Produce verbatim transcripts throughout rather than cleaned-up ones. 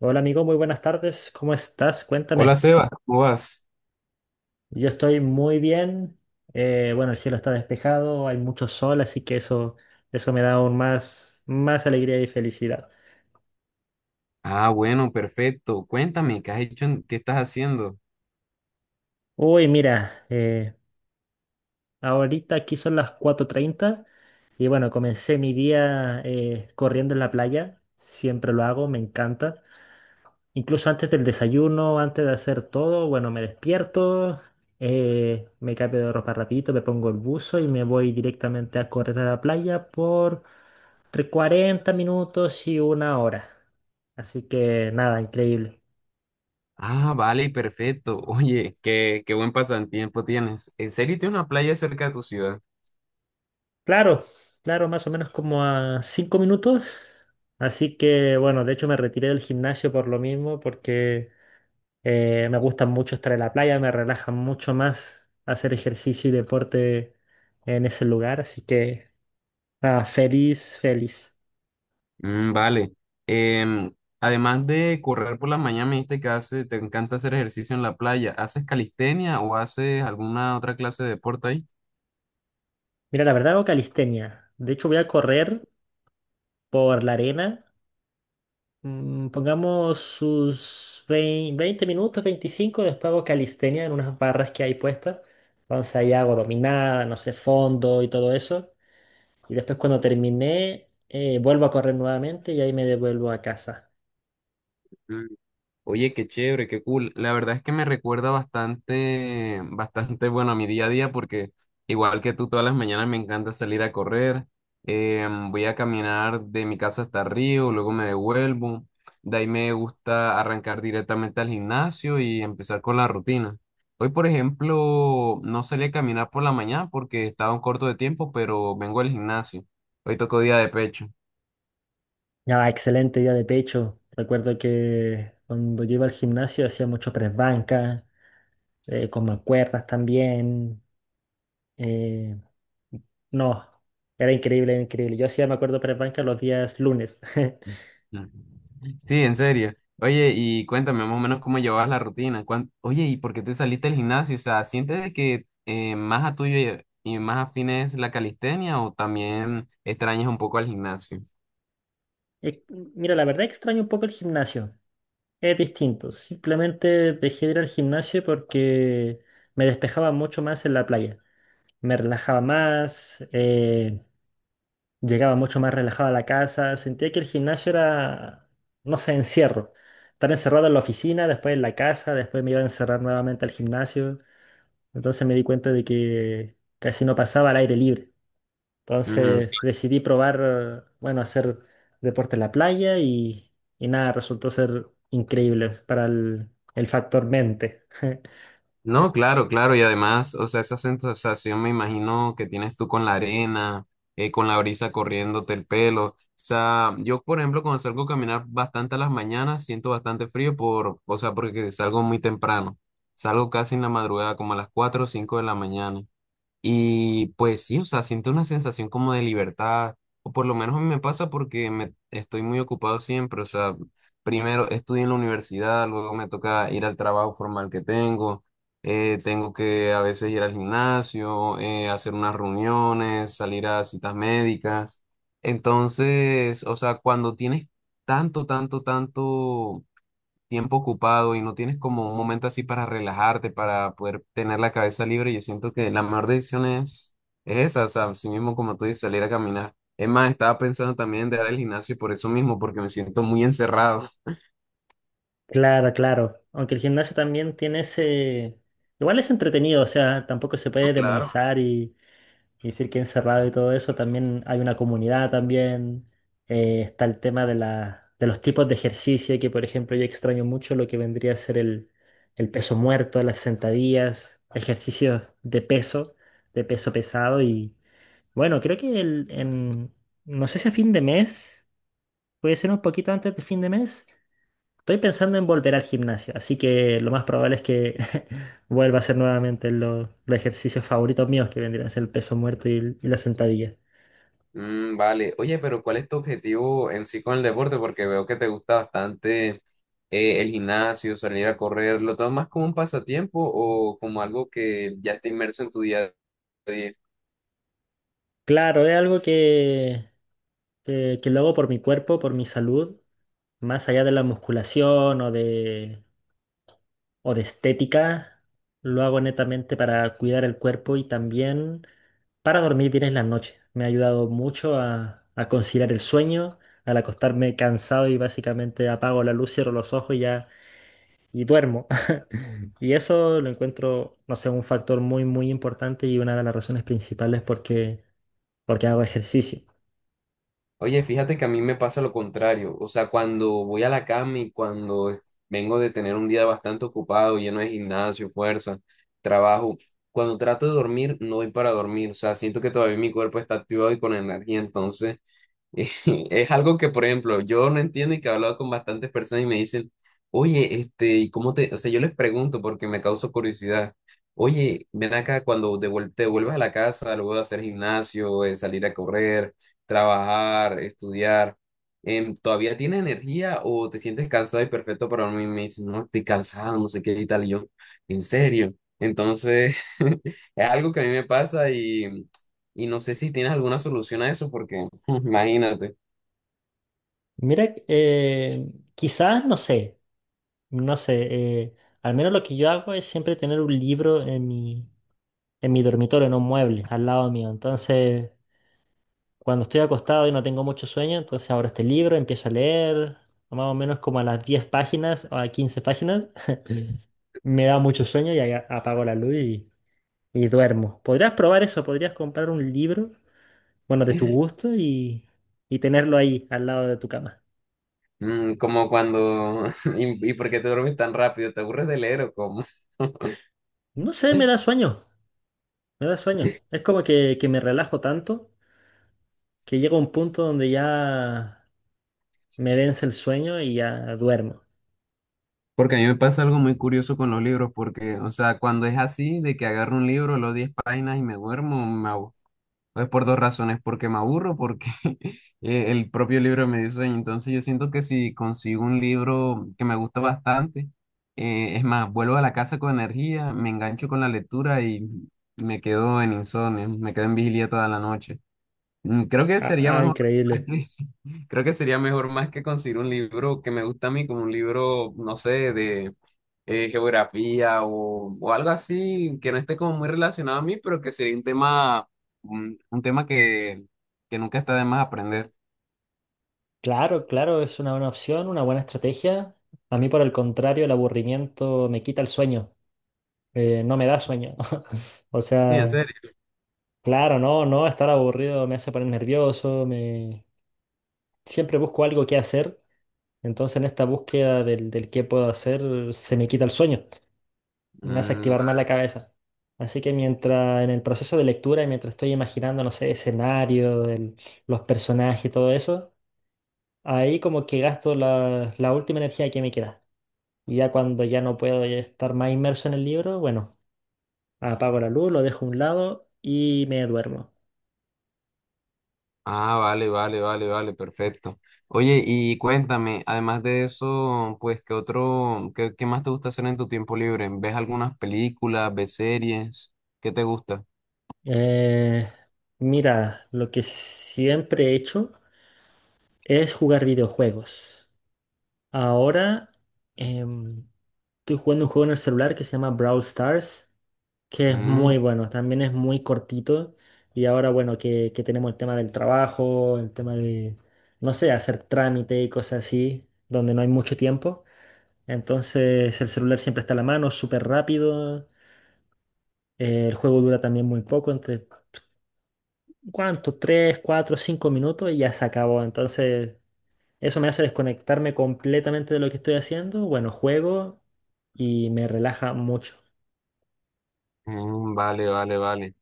Hola amigo, muy buenas tardes. ¿Cómo estás? Hola Cuéntame. Seba, ¿cómo vas? Yo estoy muy bien. Eh, bueno, el cielo está despejado, hay mucho sol, así que eso, eso me da aún más, más alegría y felicidad. Ah, bueno, perfecto. Cuéntame, ¿qué has hecho? en- ¿Qué estás haciendo? Uy, mira, eh, ahorita aquí son las cuatro treinta y bueno, comencé mi día eh, corriendo en la playa. Siempre lo hago, me encanta. Incluso antes del desayuno, antes de hacer todo, bueno, me despierto, eh, me cambio de ropa rapidito, me pongo el buzo y me voy directamente a correr a la playa por entre cuarenta minutos y una hora. Así que nada, increíble. Ah, vale, perfecto. Oye, qué, qué buen pasatiempo tienes. ¿En serio tienes una playa cerca de tu ciudad? Claro, claro, más o menos como a cinco minutos. Así que bueno, de hecho me retiré del gimnasio por lo mismo, porque Eh, me gusta mucho estar en la playa, me relaja mucho más hacer ejercicio y deporte en ese lugar, así que nada, feliz, feliz. Mm, vale. Em, Además de correr por la mañana, me dijiste que hace- te encanta hacer ejercicio en la playa. ¿Haces calistenia o haces alguna otra clase de deporte ahí? Mira, la verdad hago calistenia. De hecho, voy a correr por la arena. Mm, pongamos sus vein- veinte minutos, veinticinco después hago calistenia en unas barras que hay puestas. Entonces ahí hago dominada, no sé, fondo y todo eso. Y después cuando terminé, eh, vuelvo a correr nuevamente y ahí me devuelvo a casa. Oye, qué chévere, qué cool. La verdad es que me recuerda bastante, bastante, bueno, a mi día a día porque igual que tú todas las mañanas me encanta salir a correr. Em, voy a caminar de mi casa hasta Río, luego me devuelvo. De ahí me gusta arrancar directamente al gimnasio y empezar con la rutina. Hoy, por ejemplo, no salí a caminar por la mañana porque estaba un corto de tiempo, pero vengo al gimnasio. Hoy tocó día de pecho. Ya, excelente día de pecho. Recuerdo que cuando yo iba al gimnasio hacía mucho press banca, eh, con mancuernas también. eh, no, era increíble, era increíble. Yo hacía, me acuerdo, press banca los días lunes. Mm. Sí, en serio. Oye, y cuéntame más o menos cómo llevabas la rutina. cuán- Oye, ¿y por qué te saliste del gimnasio? O sea, ¿sientes de que eh, más a tuyo y y más afín es la calistenia o también extrañas un poco al gimnasio? Eh, Mira, la verdad extraño un poco el gimnasio. Es distinto. Simplemente dejé de ir al gimnasio porque me despejaba mucho más en la playa. Me relajaba más. eh, Llegaba mucho más relajado a la casa, sentía que el gimnasio era, no sé, encierro. Estar encerrado en la oficina, después en la casa, después me iba a encerrar nuevamente al gimnasio. Entonces me di cuenta de que casi no pasaba al aire libre. Entonces decidí probar, eh, bueno, hacer deporte en la playa y, y nada, resultó ser increíble para el, el factor mente. No, claro, claro, y además, o sea, esa sensación me imagino que tienes tú con la arena, eh, con la brisa corriéndote el pelo. O sea, yo, por ejemplo, cuando salgo a caminar bastante a las mañanas, siento bastante frío por, o sea, porque salgo muy temprano. Salgo casi en la madrugada, como a las cuatro o cinco de la mañana. Y pues sí, o sea, siento una sensación como de libertad, o por lo menos a mí me pasa porque me estoy muy ocupado siempre, o sea, primero estudio en la universidad, luego me toca ir al trabajo formal que tengo, eh, tengo que a veces ir al gimnasio, eh, hacer unas reuniones, salir a citas médicas. Entonces, o sea, cuando tienes tanto, tanto, tanto tiempo ocupado y no tienes como un momento así para relajarte, para poder tener la cabeza libre, yo siento que la mejor decisión es, es esa, o sea, así mismo como tú dices, salir a caminar. Es más, estaba pensando también en dejar el gimnasio por eso mismo, porque me siento muy encerrado. Claro, claro. Aunque el gimnasio también tiene ese. Igual es entretenido, o sea, tampoco se No, puede claro. demonizar y... Y decir que encerrado y todo eso, también hay una comunidad también. Eh, está el tema de la, de los tipos de ejercicio, que por ejemplo yo extraño mucho lo que vendría a ser el, el peso muerto, las sentadillas, ejercicios de peso, de peso pesado. Y bueno, creo que el, en, no sé si a fin de mes, puede ser un poquito antes de fin de mes, estoy pensando en volver al gimnasio, así que lo más probable es que vuelva a hacer nuevamente lo- los ejercicios favoritos míos, que vendrían a ser el peso muerto y, el- y las sentadillas. Mm, vale. Oye, pero ¿cuál es tu objetivo en sí con el deporte? Porque veo que te gusta bastante eh, el gimnasio, salir a correr. ¿Lo tomas como un pasatiempo o como algo que ya está inmerso en tu día a día? Claro, es algo que, que, que lo hago por mi cuerpo, por mi salud, más allá de la musculación o de, o de estética, lo hago netamente para cuidar el cuerpo y también para dormir bien en la noche. Me ha ayudado mucho a, a conciliar el sueño, al acostarme cansado y básicamente apago la luz, cierro los ojos y ya y duermo. Y eso lo encuentro, no sé, un factor muy, muy importante y una de las razones principales porque, porque hago ejercicio. Oye, fíjate que a mí me pasa lo contrario. O sea, cuando voy a la cama y cuando es- vengo de tener un día bastante ocupado, lleno de gimnasio, fuerza, trabajo, cuando trato de dormir, no voy para dormir. O sea, siento que todavía mi cuerpo está activado y con energía. Entonces, es algo que, por ejemplo, yo no entiendo y que he hablado con bastantes personas y me dicen, oye, este, ¿y cómo te...? O sea, yo les pregunto porque me causa curiosidad. Oye, ven acá cuando devuel- te vuelvas a la casa, luego de hacer gimnasio, eh, salir a correr, trabajar, estudiar, em, ¿todavía tienes energía o te sientes cansado y perfecto para mí? Me dicen, no, estoy cansado, no sé qué y tal. Y yo, ¿en serio? Entonces, es algo que a mí me pasa y no sé si tienes alguna solución a eso, porque imagínate, Mira, eh, quizás, no sé, no sé, eh, al menos lo que yo hago es siempre tener un libro en mi, en mi dormitorio, en un mueble, al lado mío. Entonces, cuando estoy acostado y no tengo mucho sueño, entonces abro este libro, empiezo a leer, más o menos como a las diez páginas o a quince páginas, me da mucho sueño y ahí a- apago la luz y y duermo. Podrías probar eso, podrías comprar un libro, bueno, de tu gusto y, y tenerlo ahí al lado de tu cama. mm, como cuando, ¿y, y por qué te duermes tan rápido? ¿Te aburres de leer o cómo? No sé, me da sueño, me da sueño. Es como que, que me relajo tanto que llega un punto donde ya me vence el sueño y ya duermo. Porque a mí me pasa algo muy curioso con los libros, porque, o sea, cuando es así, de que agarro un libro, los diez páginas y me duermo, me abu- es por dos razones, porque me aburro, porque eh, el propio libro me dio sueño. Entonces yo siento que si consigo un libro que me gusta bastante, eh, es más, vuelvo a la casa con energía, me engancho con la lectura y me quedo en insomnio, me quedo en vigilia toda la noche. Mm, creo que Ah, sería ah, mejor, increíble. creo que sería mejor más que conseguir un libro que me gusta a mí, como un libro, no sé, de eh, geografía o, o algo así que no esté como muy relacionado a mí, pero que sería un tema, un, un tema que, que nunca está de más aprender. Claro, claro, es una buena opción, una buena estrategia. A mí, por el contrario, el aburrimiento me quita el sueño, eh, no me da sueño. O Sí, en sea, serio. claro, no, no, estar aburrido me hace poner nervioso, me, siempre busco algo que hacer, entonces en esta búsqueda del, del qué puedo hacer se me quita el sueño, me hace Mm, activar más la cabeza. Así que mientras en el proceso de lectura, y mientras estoy imaginando, no sé, escenarios, el- los personajes y todo eso, ahí como que gasto la, la última energía que me queda. Y ya cuando ya no puedo estar más inmerso en el libro, bueno, apago la luz, lo dejo a un lado y me duermo. ah, vale, vale, vale, vale, perfecto. Oye, y cuéntame, además de eso, pues, ¿qué otro, qué, qué más te gusta hacer en tu tiempo libre? ¿Ves algunas películas, ves series? ¿Qué te gusta? Eh, mira, lo que siempre he hecho es jugar videojuegos. Ahora em, estoy jugando un juego en el celular que se llama Brawl Stars, que es muy Mm, bueno, también es muy cortito. Y ahora, bueno, que, que tenemos el tema del trabajo, el tema de, no sé, hacer trámite y cosas así, donde no hay mucho tiempo. Entonces el celular siempre está a la mano, súper rápido. eh, el juego dura también muy poco, entre, ¿cuánto? Tres, cuatro, cinco minutos y ya se acabó. Entonces eso me hace desconectarme completamente de lo que estoy haciendo. Bueno, juego y me relaja mucho. mm, vale, vale, vale.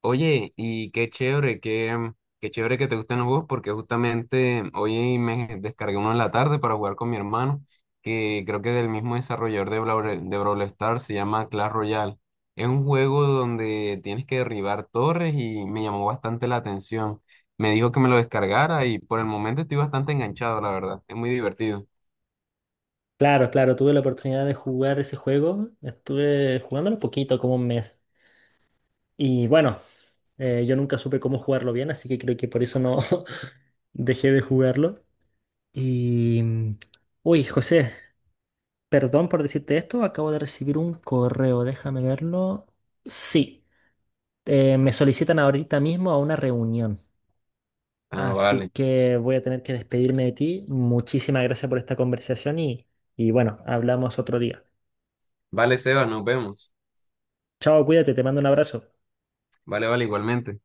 Oye, y qué chévere, qué, mm, qué chévere que te gusten los juegos, porque justamente hoy me descargué uno en la tarde para jugar con mi hermano, que creo que es del mismo desarrollador de Brawl, de Brawl Stars, se llama Clash Royale. Es un juego donde tienes que derribar torres y me llamó bastante la atención. Me dijo que me lo descargara y por el momento estoy bastante enganchado, la verdad. Es muy divertido. Claro, claro, tuve la oportunidad de jugar ese juego. Estuve jugándolo poquito, como un mes. Y bueno, eh, yo nunca supe cómo jugarlo bien, así que creo que por eso no dejé de jugarlo. Y... mm, Uy, José, perdón por decirte esto. Acabo de recibir un correo, déjame verlo. Sí, eh, me solicitan ahorita mismo a una reunión. Ah, Así vale. que voy a tener que despedirme de ti. Muchísimas gracias por esta conversación y, y bueno, hablamos otro día. Vale, Seba, nos vemos. Chao, cuídate, te mando un abrazo. Vale, vale, igualmente.